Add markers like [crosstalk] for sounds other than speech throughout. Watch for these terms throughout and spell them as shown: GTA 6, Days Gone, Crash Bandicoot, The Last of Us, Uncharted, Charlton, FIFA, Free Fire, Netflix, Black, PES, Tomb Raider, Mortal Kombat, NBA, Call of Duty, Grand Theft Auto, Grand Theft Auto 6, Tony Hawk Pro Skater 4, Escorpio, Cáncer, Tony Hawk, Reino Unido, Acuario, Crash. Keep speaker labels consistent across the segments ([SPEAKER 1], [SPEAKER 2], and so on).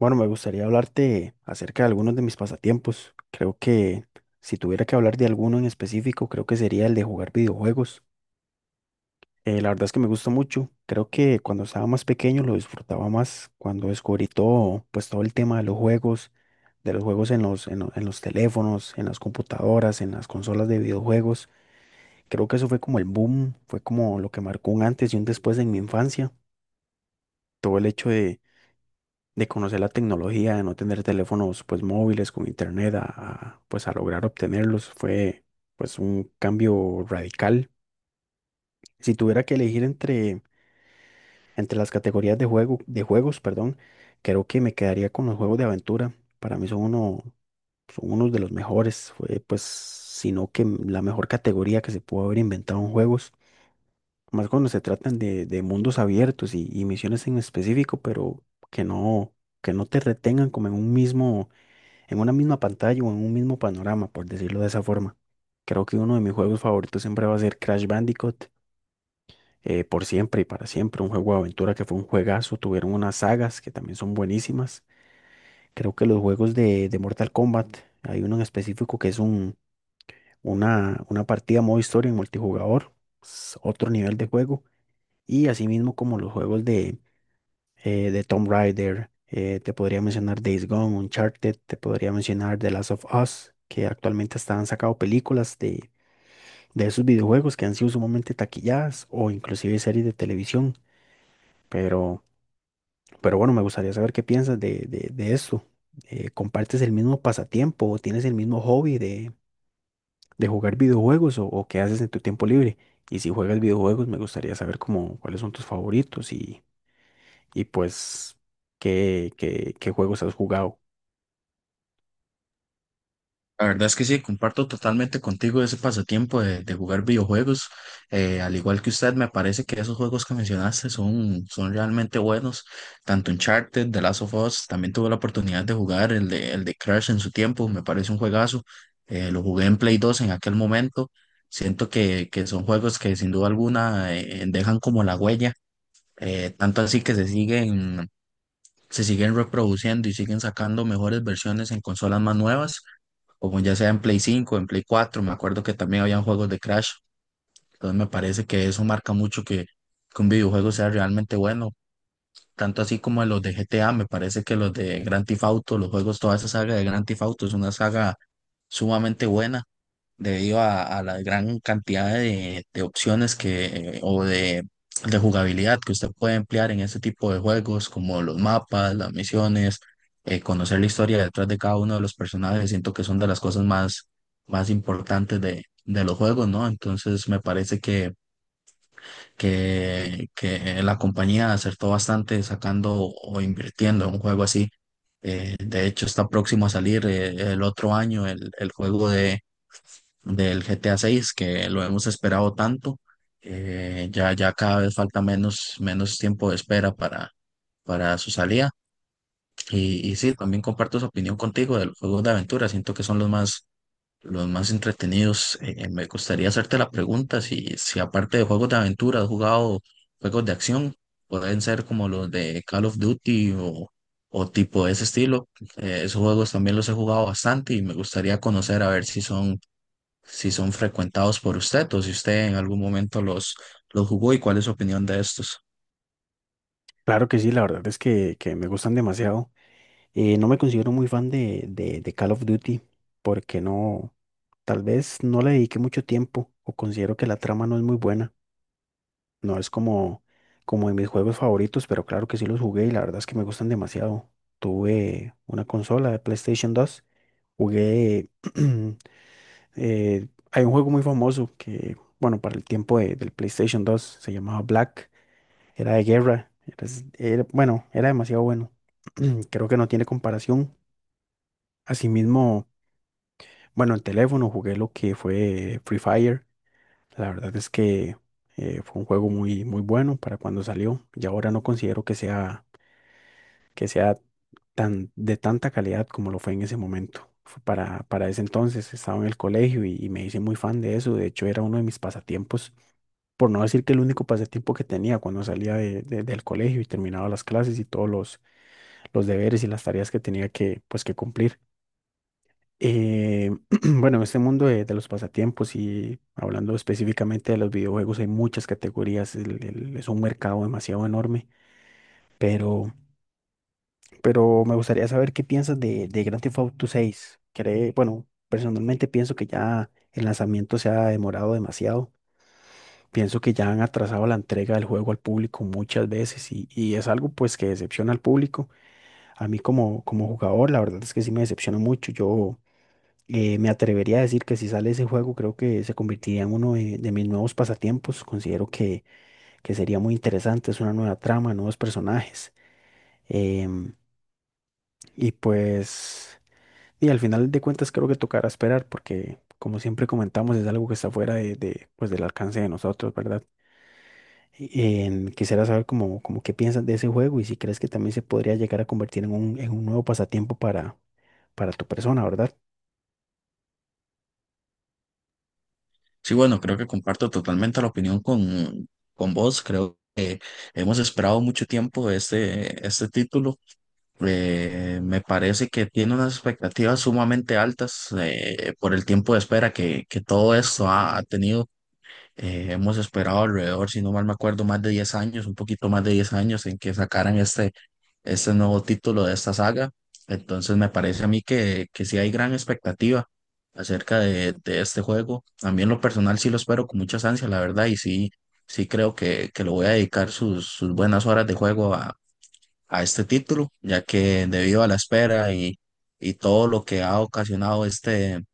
[SPEAKER 1] Bueno, me gustaría hablarte acerca de algunos de mis pasatiempos. Creo que si tuviera que hablar de alguno en específico, creo que sería el de jugar videojuegos. La verdad es que me gusta mucho. Creo que cuando estaba más pequeño lo disfrutaba más, cuando descubrí todo, pues todo el tema de los juegos en en los teléfonos, en las computadoras, en las consolas de videojuegos. Creo que eso fue como el boom, fue como lo que marcó un antes y un después en mi infancia. Todo el hecho de conocer la tecnología, de no tener teléfonos pues móviles con internet, pues a lograr obtenerlos, fue pues un cambio radical. Si tuviera que elegir entre las categorías de juegos, perdón, creo que me quedaría con los juegos de aventura. Para mí son uno, Son unos de los mejores, fue pues, sino que la mejor categoría que se pudo haber inventado en juegos, más cuando se tratan de mundos abiertos y misiones en específico, pero que no, que no te retengan como en un mismo en una misma pantalla o en un mismo panorama, por decirlo de esa forma. Creo que uno de mis juegos favoritos siempre va a ser Crash Bandicoot, por siempre y para siempre, un juego de aventura que fue un juegazo, tuvieron unas sagas que también son buenísimas. Creo que los juegos de Mortal Kombat, hay uno en específico que es una partida modo historia en multijugador, es otro nivel de juego, y así mismo como los juegos de Tomb Raider, te podría mencionar Days Gone, Uncharted, te podría mencionar The Last of Us, que actualmente están sacando películas de esos videojuegos que han sido sumamente taquilladas o inclusive series de televisión. Pero, pero bueno, me gustaría saber qué piensas de esto. ¿Compartes el mismo pasatiempo o tienes el mismo hobby de jugar videojuegos o qué haces en tu tiempo libre? Y si juegas videojuegos, me gustaría saber como cuáles son tus favoritos y pues qué juegos has jugado.
[SPEAKER 2] La verdad es que sí, comparto totalmente contigo ese pasatiempo de jugar videojuegos. Al igual que usted, me parece que esos juegos que mencionaste son realmente buenos. Tanto Uncharted, The Last of Us, también tuve la oportunidad de jugar el de Crash en su tiempo, me parece un juegazo. Lo jugué en Play 2 en aquel momento. Siento que son juegos que sin duda alguna dejan como la huella, tanto así que se siguen reproduciendo y siguen sacando mejores versiones en consolas más nuevas, como ya sea en Play 5, en Play 4. Me acuerdo que también habían juegos de Crash, entonces me parece que eso marca mucho que un videojuego sea realmente bueno, tanto así como los de GTA. Me parece que los de Grand Theft Auto, los juegos, toda esa saga de Grand Theft Auto es una saga sumamente buena debido a la gran cantidad de opciones eh, o de, de jugabilidad que usted puede emplear en este tipo de juegos, como los mapas, las misiones, conocer la historia detrás de cada uno de los personajes. Siento que son de las cosas más importantes de los juegos, ¿no? Entonces me parece que la compañía acertó bastante sacando o invirtiendo en un juego así. De hecho, está próximo a salir el otro año el juego de del GTA 6, que lo hemos esperado tanto. Ya cada vez falta menos tiempo de espera para su salida. Y sí, también comparto esa opinión contigo de los juegos de aventura. Siento que son los los más entretenidos. Me gustaría hacerte la pregunta si, si aparte de juegos de aventura has jugado juegos de acción, pueden ser como los de Call of Duty o tipo de ese estilo. Esos juegos también los he jugado bastante y me gustaría conocer a ver si son, si son frecuentados por usted o si usted en algún momento los jugó, y cuál es su opinión de estos.
[SPEAKER 1] Claro que sí, la verdad es que me gustan demasiado. No me considero muy fan de Call of Duty porque no, tal vez no le dediqué mucho tiempo o considero que la trama no es muy buena. No es como de mis juegos favoritos, pero claro que sí los jugué y la verdad es que me gustan demasiado. Tuve una consola de PlayStation 2, jugué... [clears throat] hay un juego muy famoso que, bueno, para el tiempo del PlayStation 2 se llamaba Black. Era de guerra. Bueno, era demasiado bueno. [clears throat] Creo que no tiene comparación. Asimismo, bueno, en teléfono jugué lo que fue Free Fire. La verdad es que fue un juego muy bueno para cuando salió. Y ahora no considero que sea tan, de tanta calidad como lo fue en ese momento. Fue para ese entonces estaba en el colegio y me hice muy fan de eso. De hecho, era uno de mis pasatiempos por no decir que el único pasatiempo que tenía cuando salía del colegio y terminaba las clases y todos los deberes y las tareas que tenía que, pues, que cumplir. Eh, [clears throat] bueno, en este mundo de los pasatiempos y hablando específicamente de los videojuegos, hay muchas categorías, es un mercado demasiado enorme, pero, pero me gustaría saber qué piensas de Grand Theft Auto 6. Bueno, personalmente pienso que ya el lanzamiento se ha demorado demasiado. Pienso que ya han atrasado la entrega del juego al público muchas veces y es algo pues que decepciona al público. A mí como jugador, la verdad es que sí me decepciona mucho. Yo Me atrevería a decir que si sale ese juego, creo que se convertiría en uno de mis nuevos pasatiempos. Considero que sería muy interesante. Es una nueva trama, nuevos personajes. em, y pues, y al final de cuentas creo que tocará esperar porque, como siempre comentamos, es algo que está fuera pues, del alcance de nosotros, ¿verdad? Quisiera saber cómo qué piensas de ese juego y si crees que también se podría llegar a convertir en en un nuevo pasatiempo para tu persona, ¿verdad?
[SPEAKER 2] Sí, bueno, creo que comparto totalmente la opinión con vos. Creo que hemos esperado mucho tiempo este título. Me parece que tiene unas expectativas sumamente altas por el tiempo de espera que todo esto ha tenido. Hemos esperado alrededor, si no mal me acuerdo, más de 10 años, un poquito más de 10 años, en que sacaran este nuevo título de esta saga. Entonces me parece a mí que sí hay gran expectativa acerca de este juego. A mí en lo personal sí lo espero con muchas ansias, la verdad, y sí, sí creo que lo voy a dedicar sus buenas horas de juego a este título, ya que debido a la espera y todo lo que ha ocasionado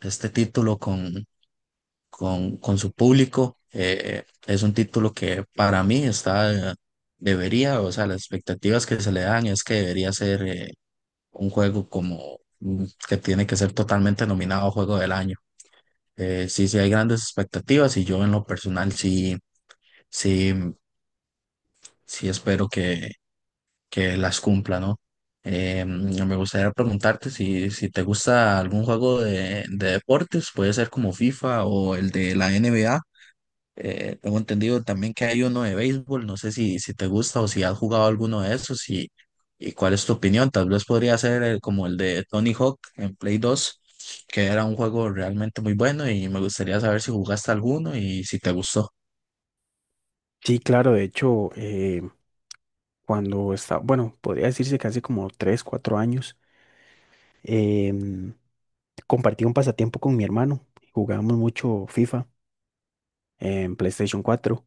[SPEAKER 2] este título con su público. Es un título que para mí debería, o sea, las expectativas que se le dan es que debería ser un juego como que tiene que ser totalmente nominado a Juego del Año. Sí, sí hay grandes expectativas y yo en lo personal sí, sí, sí espero que las cumpla, ¿no? Me gustaría preguntarte si, si te gusta algún juego de deportes, puede ser como FIFA o el de la NBA. Tengo entendido también que hay uno de béisbol, no sé si, si te gusta o si has jugado alguno de esos y cuál es tu opinión. Tal vez podría ser el- como el de Tony Hawk en Play 2, que era un juego realmente muy bueno, y me gustaría saber si jugaste alguno y si te gustó.
[SPEAKER 1] Sí, claro, de hecho, bueno, podría decirse que hace como 3, 4 años, em, compartí un pasatiempo con mi hermano. Jugábamos mucho FIFA en PlayStation 4.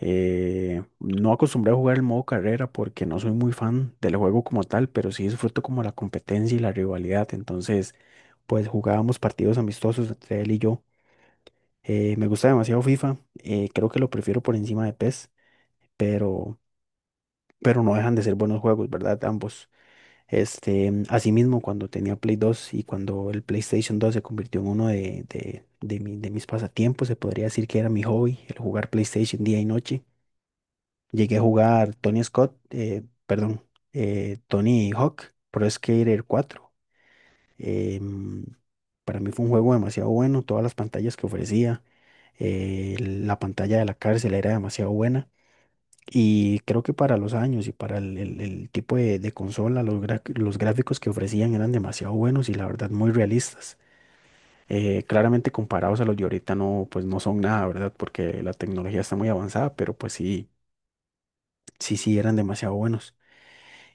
[SPEAKER 1] No acostumbré a jugar el modo carrera porque no soy muy fan del juego como tal, pero sí disfruto como la competencia y la rivalidad. Entonces, pues jugábamos partidos amistosos entre él y yo. Me gusta demasiado FIFA, creo que lo prefiero por encima de PES, pero, pero no dejan de ser buenos juegos, ¿verdad? Ambos. Este, asimismo, cuando tenía Play 2 y cuando el PlayStation 2 se convirtió en uno de de mis pasatiempos, se podría decir que era mi hobby, el jugar PlayStation día y noche. Llegué a jugar Tony Scott, perdón, Tony Hawk, Pro Skater 4. Em, para mí fue un juego demasiado bueno, todas las pantallas que ofrecía, la pantalla de la cárcel era demasiado buena. Y creo que para los años y para el tipo de consola, los gráficos que ofrecían eran demasiado buenos y la verdad muy realistas. Claramente comparados a los de ahorita no, pues no son nada, ¿verdad? Porque la tecnología está muy avanzada, pero pues sí eran demasiado buenos.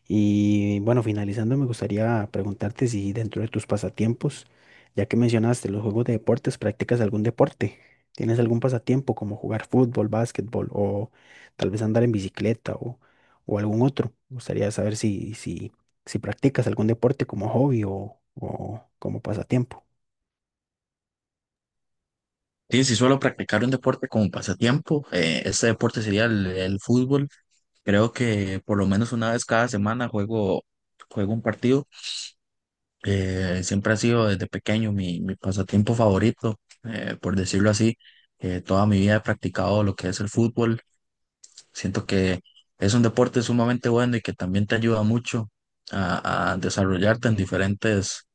[SPEAKER 1] Y bueno, finalizando, me gustaría preguntarte si dentro de tus pasatiempos, ya que mencionaste los juegos de deportes, ¿practicas algún deporte? ¿Tienes algún pasatiempo como jugar fútbol, básquetbol o tal vez andar en bicicleta o algún otro? Me gustaría saber si practicas algún deporte como hobby o como pasatiempo.
[SPEAKER 2] Sí, si suelo practicar un deporte como pasatiempo. Este deporte sería el fútbol. Creo que por lo menos una vez cada semana juego un partido. Siempre ha sido desde pequeño mi pasatiempo favorito, por decirlo así. Toda mi vida he practicado lo que es el fútbol. Siento que es un deporte sumamente bueno y que también te ayuda mucho a desarrollarte en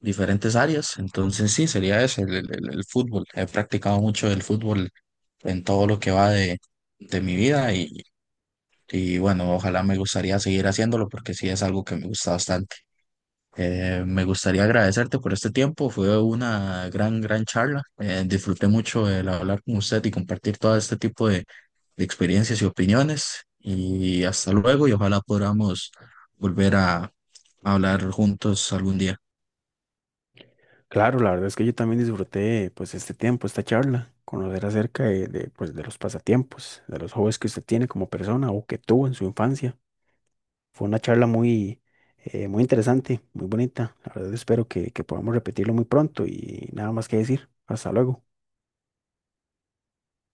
[SPEAKER 2] diferentes áreas. Entonces sí, sería ese, el fútbol. He practicado mucho el fútbol en todo lo que va de mi vida y bueno, ojalá me gustaría seguir haciéndolo porque sí es algo que me gusta bastante. Me gustaría agradecerte por este tiempo. Fue una gran charla. Disfruté mucho el hablar con usted y compartir todo este tipo de experiencias y opiniones. Y hasta luego, y ojalá podamos volver a hablar juntos algún día.
[SPEAKER 1] Claro, la verdad es que yo también disfruté pues este tiempo, esta charla, conocer acerca de, pues, de los pasatiempos, de los hobbies que usted tiene como persona o que tuvo en su infancia. Fue una charla muy, muy interesante, muy bonita. La verdad espero que podamos repetirlo muy pronto y nada más que decir. Hasta luego.